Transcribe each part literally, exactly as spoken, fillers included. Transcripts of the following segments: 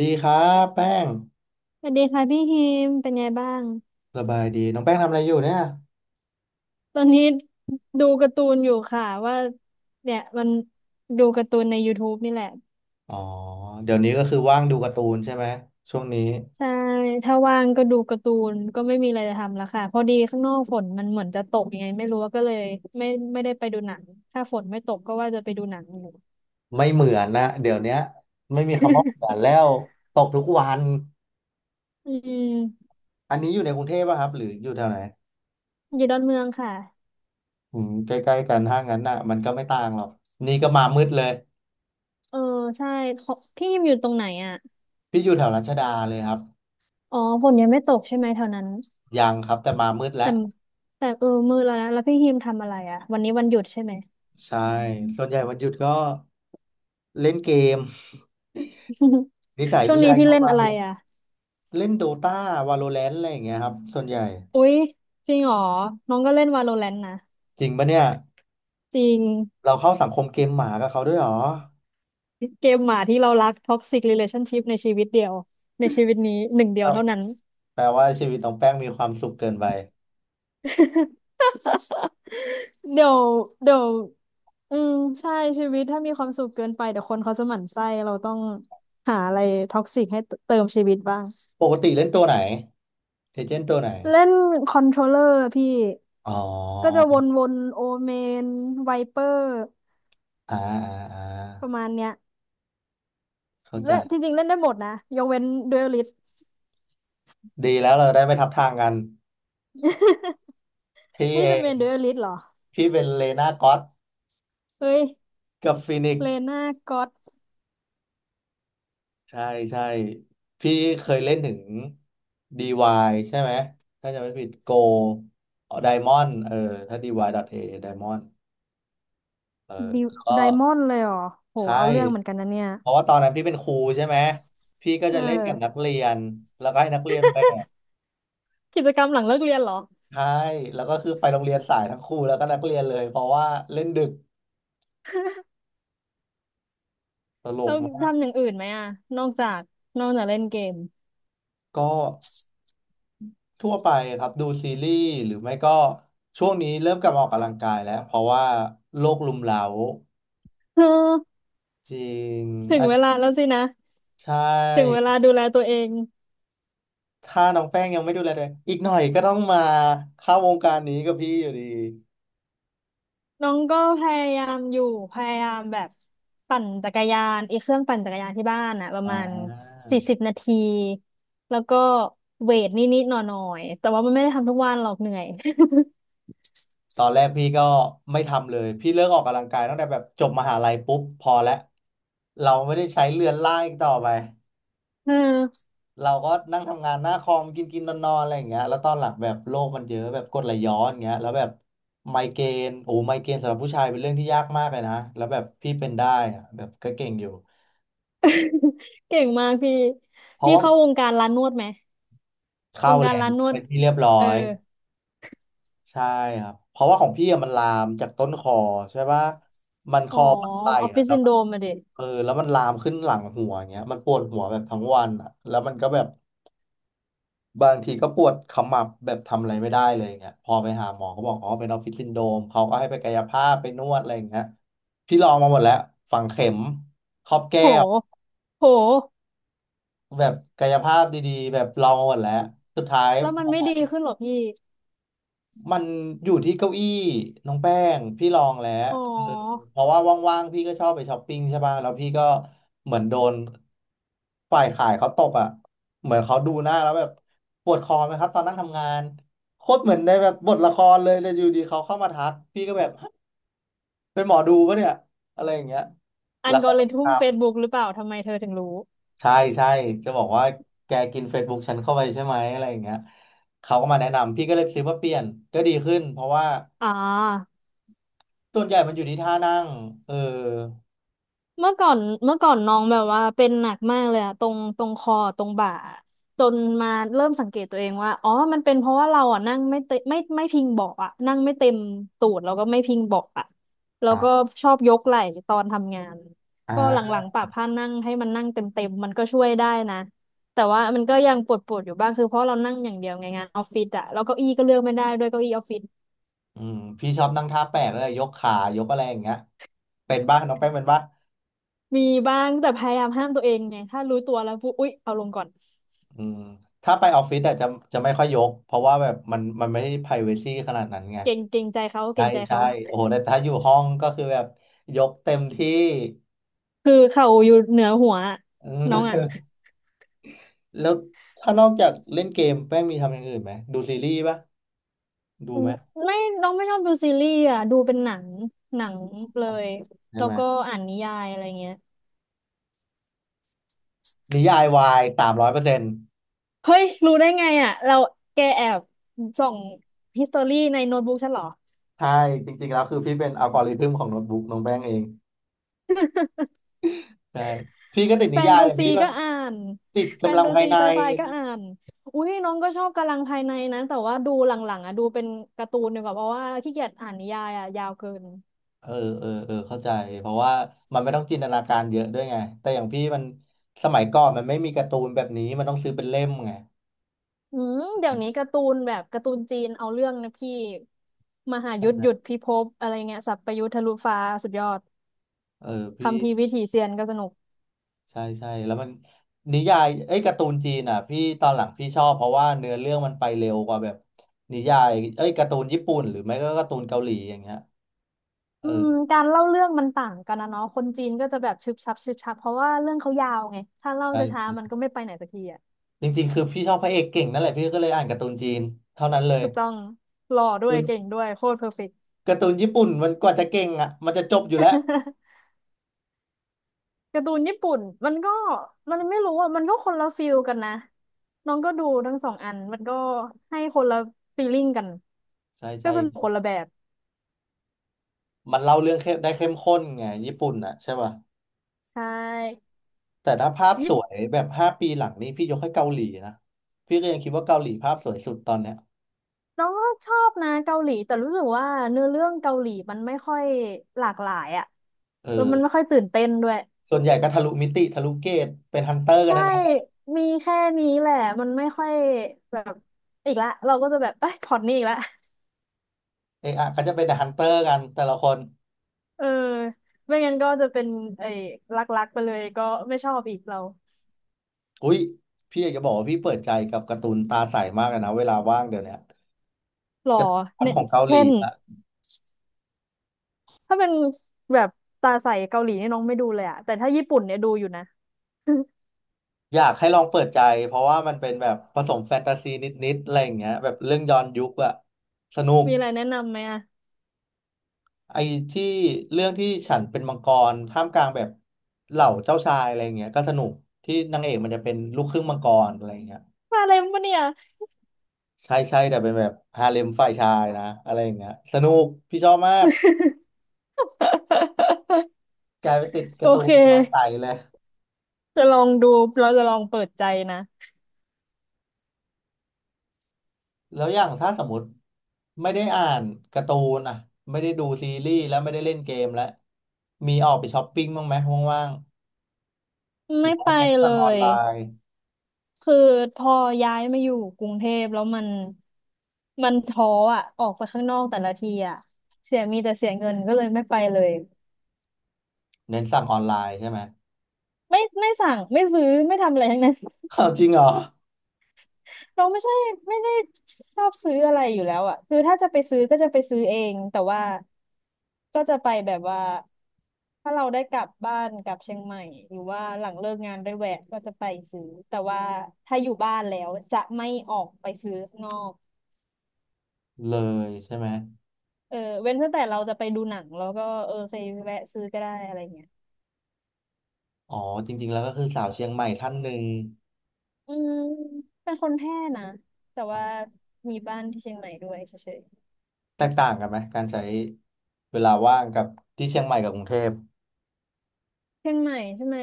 ดีครับแป้งสวัสดีค่ะพี่ฮิมเป็นไงบ้างสบายดีน้องแป้งทำอะไรอยู่เนี่ยตอนนี้ดูการ์ตูนอยู่ค่ะว่าเนี่ยมันดูการ์ตูนใน YouTube นี่แหละอ๋อเดี๋ยวนี้ก็คือว่างดูการ์ตูนใช่ไหมช่วงนี้ใช่ถ้าว่างก็ดูการ์ตูนก็ไม่มีอะไรจะทำแล้วค่ะพอดีข้างนอกฝนมันเหมือนจะตกยังไงไม่รู้ก็เลยไม่ไม่ได้ไปดูหนังถ้าฝนไม่ตกก็ว่าจะไปดูหนังอยู่ ไม่เหมือนนะเดี๋ยวเนี้ยไม่มีคำว่าเหมือน แล้วตกทุกวันอืมอันนี้อยู่ในกรุงเทพป่ะครับหรืออยู่แถวไหนอยู่ดอนเมืองค่ะอืมใกล้ๆกันถ้างั้นน่ะมันก็ไม่ต่างหรอกนี่ก็มามืดเลยเออใช่ขอพี่ฮิมอยู่ตรงไหนอ่ะพี่อยู่แถวรัชดาเลยครับอ๋อฝนยังไม่ตกใช่ไหมแถวนั้นยังครับแต่มามืดแล้แต่วแต่เออมืดแล้วนะแล้วพี่ฮิมทำอะไรอ่ะวันนี้วันหยุดใช่ไหม ใช่ส่วนใหญ่วันหยุดก็เล่นเกม นิสัยช่วงผู้นี้ชายพี่เข้าเล่นไปอะไรอ่ะ เล่นโดตาวาโลแรนต์อะไรอย่างเงี้ยครับส่วนใหญ่อุ๊ยจริงเหรอน้องก็เล่น Valorant นะจริงปะเนี่ย จริงเราเข้าสังคมเกมหมากับเขาด้วยเหรอเกมหมาที่เรารัก Toxic Relationship ในชีวิตเดียวในชีวิตนี้หนึ่งเดียวก็เท่านั้น แปลว่าชีวิตน้องแป้งมีความสุขเกินไป เดี๋ยวเดี๋ยวอืมใช่ชีวิตถ้ามีความสุขเกินไปเดี๋ยวคนเขาจะหมั่นไส้เราต้องหาอะไรท็อกซิกให้เติมชีวิตบ้างปกติเล่นตัวไหนเอเจนต์ตัวไหน เล่นคอนโทรลเลอร์พี่อ๋อก็จะวนๆโอเมนไวเปอร์อ่าอ่าอ่าประมาณเนี้ย เข้าใจ และจริงๆเล่นได้หมดนะยกเว้นดูอลิสดีแล้วเราได้ไม่ทับทางกัน พี่นี่เอเป็นเวง นดูอลลิสเหรอพี่เป็นเลน่าก็อตเฮ้ยกับฟินิกเลซ์น่าก็อตใช่ใช่ พี่เคยเล่นถึง ดี วาย ใช่ไหม ถ้าจะไม่ผิดโกไดมอนเออถ้า dy.a ไดมอนเออดิแล้วก็ ไดมอนด์เลยเหรอโหใชเอาเรื่องเหมื่อนกันนะเนี่ยเพราะว่าตอนนั้นพี่เป็นครูใช่ไหมพี่ก็เอจะเล่นกับนักอเรียนแล้วก็ให้นักเรียนแบกกิจกรรมหลังเลิกเรียนเหรอใช่แล้วก็คือไปโรงเรียนสายทั้งครูแล้วก็นักเรียนเลยเพราะว่าเล่นดึกตลกเรามากทำอย่างอื่นไหมอะนอกจากนอกจากเล่นเกม ก็ทั่วไปครับดูซีรีส์หรือไม่ก็ช่วงนี้เริ่มกลับมาออกกำลังกายแล้วเพราะว่าโรครุมเร้า เออจริงถึงอัเวลานแล้วสินะใชถึงเว่ลาดูแลตัวเอง ถ้าน้องแป้งยังไม่ดูแลเลยอีกหน่อยก็ต้องมาเข้าวงการนี้กับพี่อยู่ดี น้องก็พยายามอยู่พยายามแบบปั่นจักรยานไอ้เครื่องปั่นจักรยานที่บ้านอะประมาณสี่สิบนาทีแล้วก็เวทนิดๆหน่อยๆแต่ว่ามันไม่ได้ทำทุกวันหรอกเหนื่อย ตอนแรกพี่ก็ไม่ทำเลยพี่เลิกออกกำลังกายตั้งแต่แบบจบมหาลัยปุ๊บพอแล้วเราไม่ได้ใช้เรือนร่างอีกต่อไป เออ เราก็นั่งทำงานหน้าคอมกินกินนอนนอนอะไรอย่างเงี้ยแล้วตอนหลังแบบโรคมันเยอะแบบกรดไหลย้อนอย่างเงี้ยแล้วแบบไมเกรนโอ้ไมเกรนสำหรับผู้ชายเป็นเรื่องที่ยากมากเลยนะแล้วแบบพี่เป็นได้อะแบบก็เก่งอยู่ เก่งมากพี่เพราะพี่ว่าเข้าวงการร้านนวดไหมวเข้างแรการงร้านนวดเป็นที่เรียบร้อเออยใช่ครับเพราะว่าของพี่อะมันลามจากต้นคอใช่ปะมันคอ๋ออปลาออฟฟิอะศแล้ว ซินโดรมอะดิเออแล้วมันลามขึ้นหลังหัวอย่างเงี้ยมันปวดหัวแบบทั้งวันอ่ะแล้วมันก็แบบบางทีก็ปวดขมับแบบทำอะไรไม่ได้เลยอย่างเงี้ยพอไปหาหมอก็บอกอ๋อเป็นออฟฟิศซินโดรมเขาก็ให้ไปกายภาพไปนวดอะไรอย่างเงี้ยพี่ลองมาหมดแล้วฝังเข็มครอบแก้โหวโหแบบกายภาพดีๆแบบลองมาหมดแล้วสุดท้าย แล้วมันไม่ดีขึ้นหรอพี่มันอยู่ที่เก้าอี้น้องแป้งพี่ลองแล้วอ๋อเออเพราะว่าว่างๆพี่ก็ชอบไปช้อปปิ้งใช่ป่ะแล้วพี่ก็เหมือนโดนฝ่ายขายเขาตกอ่ะเหมือนเขาดูหน้าแล้วแบบปวดคอไหมครับตอนนั่งทำงานโคตรเหมือนในแบบบทละครเลยแต่อยู่ดีเขาเข้ามาทักพี่ก็แบบฮะเป็นหมอดูปะเนี่ยอะไรอย่างเงี้ยอัแล้นวกอเขาก็ริททึมเฟซบุ๊กำหรือเปล่าทำไมเธอถึงรู้ใช่ใช่จะบอกว่าแกกิน Facebook ฉันเข้าไปใช่ไหมอะไรอย่างเงี้ยเขาก็มาแนะนำพี่ก็เลยซื้อมาเปลี่ยนก็ดีขึ้นเพราะว่า อ่า ส่วนใหญ่มันอยู่ที่ท่านั่งเออเมื่อก่อนเมื่อก่อนน้องแบบว่าเป็นหนักมากเลยอะตรงตรงคอตรงบ่าจนมาเริ่มสังเกตตัวเองว่าอ๋อมันเป็นเพราะว่าเราอ่ะนั่งไม่เต็มไม่ไม่พิงเบาะอ่ะนั่งไม่เต็มตูดแล้วก็ไม่พิงเบาะอ่ะแล้วก็อ่าชอบยกไหล่ตอนทำงานก็หอ่าลังๆปรับผ้านั่งให้มันนั่งเต็มๆมันก็ช่วยได้นะแต่ว่ามันก็ยังปวดๆอยู่บ้างคือเพราะเรานั่งอย่างเดียวไงงานออฟฟิศอะแล้วเก้าอี้ก็เลือกไม่ได้ด้วยเก้าอี้ออฟฟิศอืมพี่ชอบนั่งท่าแปลกเลยยกขายกอะไรอย่างเงี้ยเป็นบ้างน้องแป้งเป็นบ้างมีบ้างแต่พยายามห้ามตัวเองไงถ้ารู้ตัวแล้วปุ๊บอุ๊ยเอาลงก่อน อืมถ้าไปออฟฟิศแต่จะจะไม่ค่อยยกเพราะว่าแบบมันมันไม่ได้ privacy ขนาดนั้นไงเก่งเก่งใจเขาใช่เก่งใจใช่เขาโอ้โหแต่ถ้าอยู่ห้องก็คือแบบยกเต็มที่คือเขาอยู่เหนือหัวอะอืน้องอ่ะม แล้วถ้านอกจากเล่นเกมแป้งมีทำอย่างอื่นไหมดูซีรีส์ปะดูอืไหมมไม่น้องไม่ชอบดูซีรีส์อ่ะดูเป็นหนังหนังเลยใช่แล้วไหมก็อ่านนิยายอะไรเงี้ยนิยายวายสามร้อยเปอร์เซ็นต์ เฮ้ยรู้ได้ไงอ่ะเราแกแอบส่องฮิสตอรี่ในโน้ตบุ๊กฉันเหรอใช่จริงๆแล้วคือพี่เป็นอัลกอริทึมของโน้ตบุ๊กน้องแป้งเองใช่พี่ก็ติดแฟนินยายตาแต่ซีพี่มัก็นอ่านติดแฟกำนลังตาภายซีในไซไฟก็อ่านอุ้ยน้องก็ชอบกำลังภายในนะแต่ว่าดูหลังๆอ่ะดูเป็นการ์ตูนดีกว่าเพราะว่าขี้เกียจอ่านนิยายอ่ะยาวเกิน เออเออเออเข้าใจเพราะว่ามันไม่ต้องจินตนาการเยอะด้วยไงแต่อย่างพี่มันสมัยก่อนมันไม่มีการ์ตูนแบบนี้มันต้องซื้อเป็นเล่มไงอืมเดี๋ยวนี้การ์ตูนแบบการ์ตูนจีนเอาเรื่องนะพี่มหานั่ยุนทธแหลหยุดะพิภพอะไรเงี้ยสัพพยุทธทะลุฟ้าสุดยอดเออคัมพี่ภีร์วิถีเซียนก็สนุกใช่ใช่แล้วมันนิยายเอ้ยการ์ตูนจีนอ่ะพี่ตอนหลังพี่ชอบเพราะว่าเนื้อเรื่องมันไปเร็วกว่าแบบนิยายเอ้ยการ์ตูนญี่ปุ่นหรือไม่ก็การ์ตูนเกาหลีอย่างเงี้ยเออืมอการเล่าเรื่องมันต่างกันนะเนาะคนจีนก็จะแบบชึบชับชึบชับเพราะว่าเรื่องเขายาวไงถ้าเล่าใช่ ช้าๆมันก็ไม่ไปไหนสักทีอ่ะจริงๆคือพี่ชอบพระเอกเก่งนั่นแหละพี่ก็เลยอ่านการ์ตูนจีนเท่านั้นเลยถูกต้องหล่อด้วยเก่งด้วยโคตรเพอร์เฟกต์ การ์ตูนการ์ตูนญี่ปุ่นมันกว่าจะเก่งอ่ะมันจะจบอยู่แล้ว การ์ตูนญี่ปุ่นมันก็มันไม่รู้อ่ะมันก็คนละฟีลกันนะน้องก็ดูทั้งสองอันมันก็ให้คนละฟีลลิ่งกันใช่ก็ใช่สนุกคนละแบบ มันเล่าเรื่องเข้มได้เข้มข้นไงญี่ปุ่นอ่ะใช่ป่ะใช่แต่ถ้าภาพสญี่วยปุ่นแบบห้าปีหลังนี้พี่ยกให้เกาหลีนะพี่ก็ยังคิดว่าเกาหลีภาพสวยสุดตอนเนี้ยน้องก็ชอบนะเกาหลีแต่รู้สึกว่าเนื้อเรื่องเกาหลีมันไม่ค่อยหลากหลายอะเอแล้วอมันไม่ค่อยตื่นเต้นด้วยส่วนใหญ่ก็ทะลุมิติทะลุเกตเป็นฮันเตอร์กันใช่ทั้งนั้นมีแค่นี้แหละมันไม่ค่อยแบบอีกละเราก็จะแบบเอ้ยพล็อตนี้อีกละเอะอะก็จะเป็นแต่ฮันเตอร์กันแต่ละคนเออไม่งั้นก็จะเป็นไอ้รักๆไปเลยก็ไม่ชอบอีกเราอุ้ยพี่อยากจะบอกว่าพี่เปิดใจกับการ์ตูนตาใสมากเลยนะเวลาว่างเดี๋ยวเนี้ยหล่อภาคเนี่ขยองเกาหลีเช่นอะ ถ้าเป็นแบบตาใสเกาหลีเนี่ยน้องไม่ดูเลยอะแต่ถ้าญี่ปุ่นเนี่ยดูอยู่นะ อยากให้ลองเปิดใจเพราะว่ามันเป็นแบบผสมแฟนตาซีนิดๆอะไรอย่างเงี้ยแบบเรื่องย้อนยุคอะสนุก มีอะไรแนะนำไหมอะไอ้ที่เรื่องที่ฉันเป็นมังกรท่ามกลางแบบเหล่าเจ้าชายอะไรอย่างเงี้ยก็สนุกที่นางเอกมันจะเป็นลูกครึ่งมังกรอะไรอย่างเงี้ยมาอะไรมาเนี่ย ใช่ใช่แต่เป็นแบบฮาเร็มฝ่ายชายนะอะไรอย่างเงี้ยสนุกพี่ชอบมากกลายเป็นติด กาโอร์ตูเค นมาใส่เลย จะลองดูเราจะลองเปิดใจนะแล้วอย่างถ้าสมมติไม่ได้อ่านการ์ตูนอ่ะไม่ได้ดูซีรีส์แล้วไม่ได้เล่นเกมแล้วมีออกไปช้อปปิ้งบ้างไหมว่างๆหรืไม่อว่าไปเน้นเลสั่งออนยไลน์คือพอย้ายมาอยู่กรุงเทพแล้วมันมันท้ออ่ะออกไปข้างนอกแต่ละทีอ่ะเสียมีแต่เสียเงินก็เลยไม่ไปเลยเน้นสั่งออนไลน์ใช่ไหมไม่ไม่สั่งไม่ซื้อไม่ทำอะไรทั้งนั้น อ้าวจริงเหรอเราไม่ใช่ไม่ได้ชอบซื้ออะไรอยู่แล้วอ่ะคือถ้าจะไปซื้อก็จะไปซื้อเองแต่ว่าก็จะไปแบบว่าถ้าเราได้กลับบ้านกลับเชียงใหม่หรือว่าหลังเลิกงานได้แวะก็จะไปซื้อแต่ว่าถ้าอยู่บ้านแล้วจะไม่ออกไปซื้อข้างนอกเลยใช่ไหมเออเว้นตั้งแต่เราจะไปดูหนังแล้วก็เออไปแวะซื้อก็ได้อะไรเงี้ยอ๋อจริงๆแล้วก็คือสาวเชียงใหม่ท่านหนึ่งอืมเป็นคนแพร่นะแต่ว่ามีบ้านที่เชียงใหม่ด้วยเฉย แตกต่างกันไหมการใช้เวลาว่างกับที่เชียงใหม่กับกรุงเทพเชียงใหม่ใช่ไหม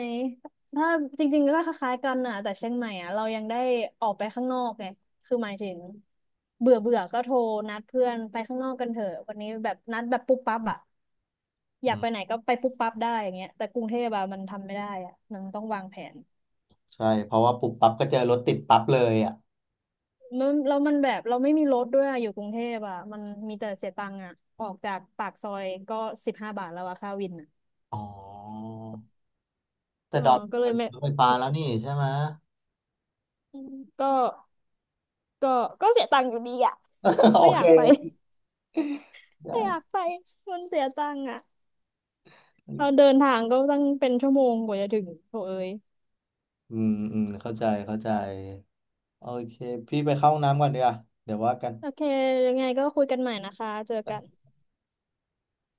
ถ้าจริงๆก็คล้ายๆกันน่ะแต่เชียงใหม่อ่ะเรายังได้ออกไปข้างนอกไงคือหมายถึงเบื่อเบื่อก็โทรนัดเพื่อนไปข้างนอกกันเถอะวันนี้แบบนัดแบบปุ๊บปั๊บอ่ะออืยากไปไหนมก็ไปปุ๊บปั๊บได้อย่างเงี้ยแต่กรุงเทพอะมันทำไม่ได้อ่ะมันต้องวางแผนใช่เพราะว่าปุ๊บปั๊บก็เจอรถติดปั๊บเลยอ่ะมันแล้วมันแบบเราไม่มีรถด้วยอะอยู่กรุงเทพอ่ะมันมีแต่เสียตังค์อ่ะออกจากปากซอยก็สิบห้าบาทแล้วอะค่าวินอ่ะอ๋อแต่เออดอนก็เลเป็ยนไม่รถไฟฟ้าแล้วนี่ใช่ไหม ก็ก็ก็เสียตังค์อยู่ดีอ่ะ โอไม่อเคยากไป โอเคได้ ไม่อยากไปมันเสียตังค์อ่ะอืเรามเดินทางก็ตั้งเป็นชั่วโมงกว่าจะถึงโถเอ้ยอืมเข้าใจเข้าใจโอเคพี่ไปเข้าห้องน้ำก่อนดีกว่าเดี๋ยวว่ากันโอเคยังไงก็คุยกันใหม่นะคะเจอกัน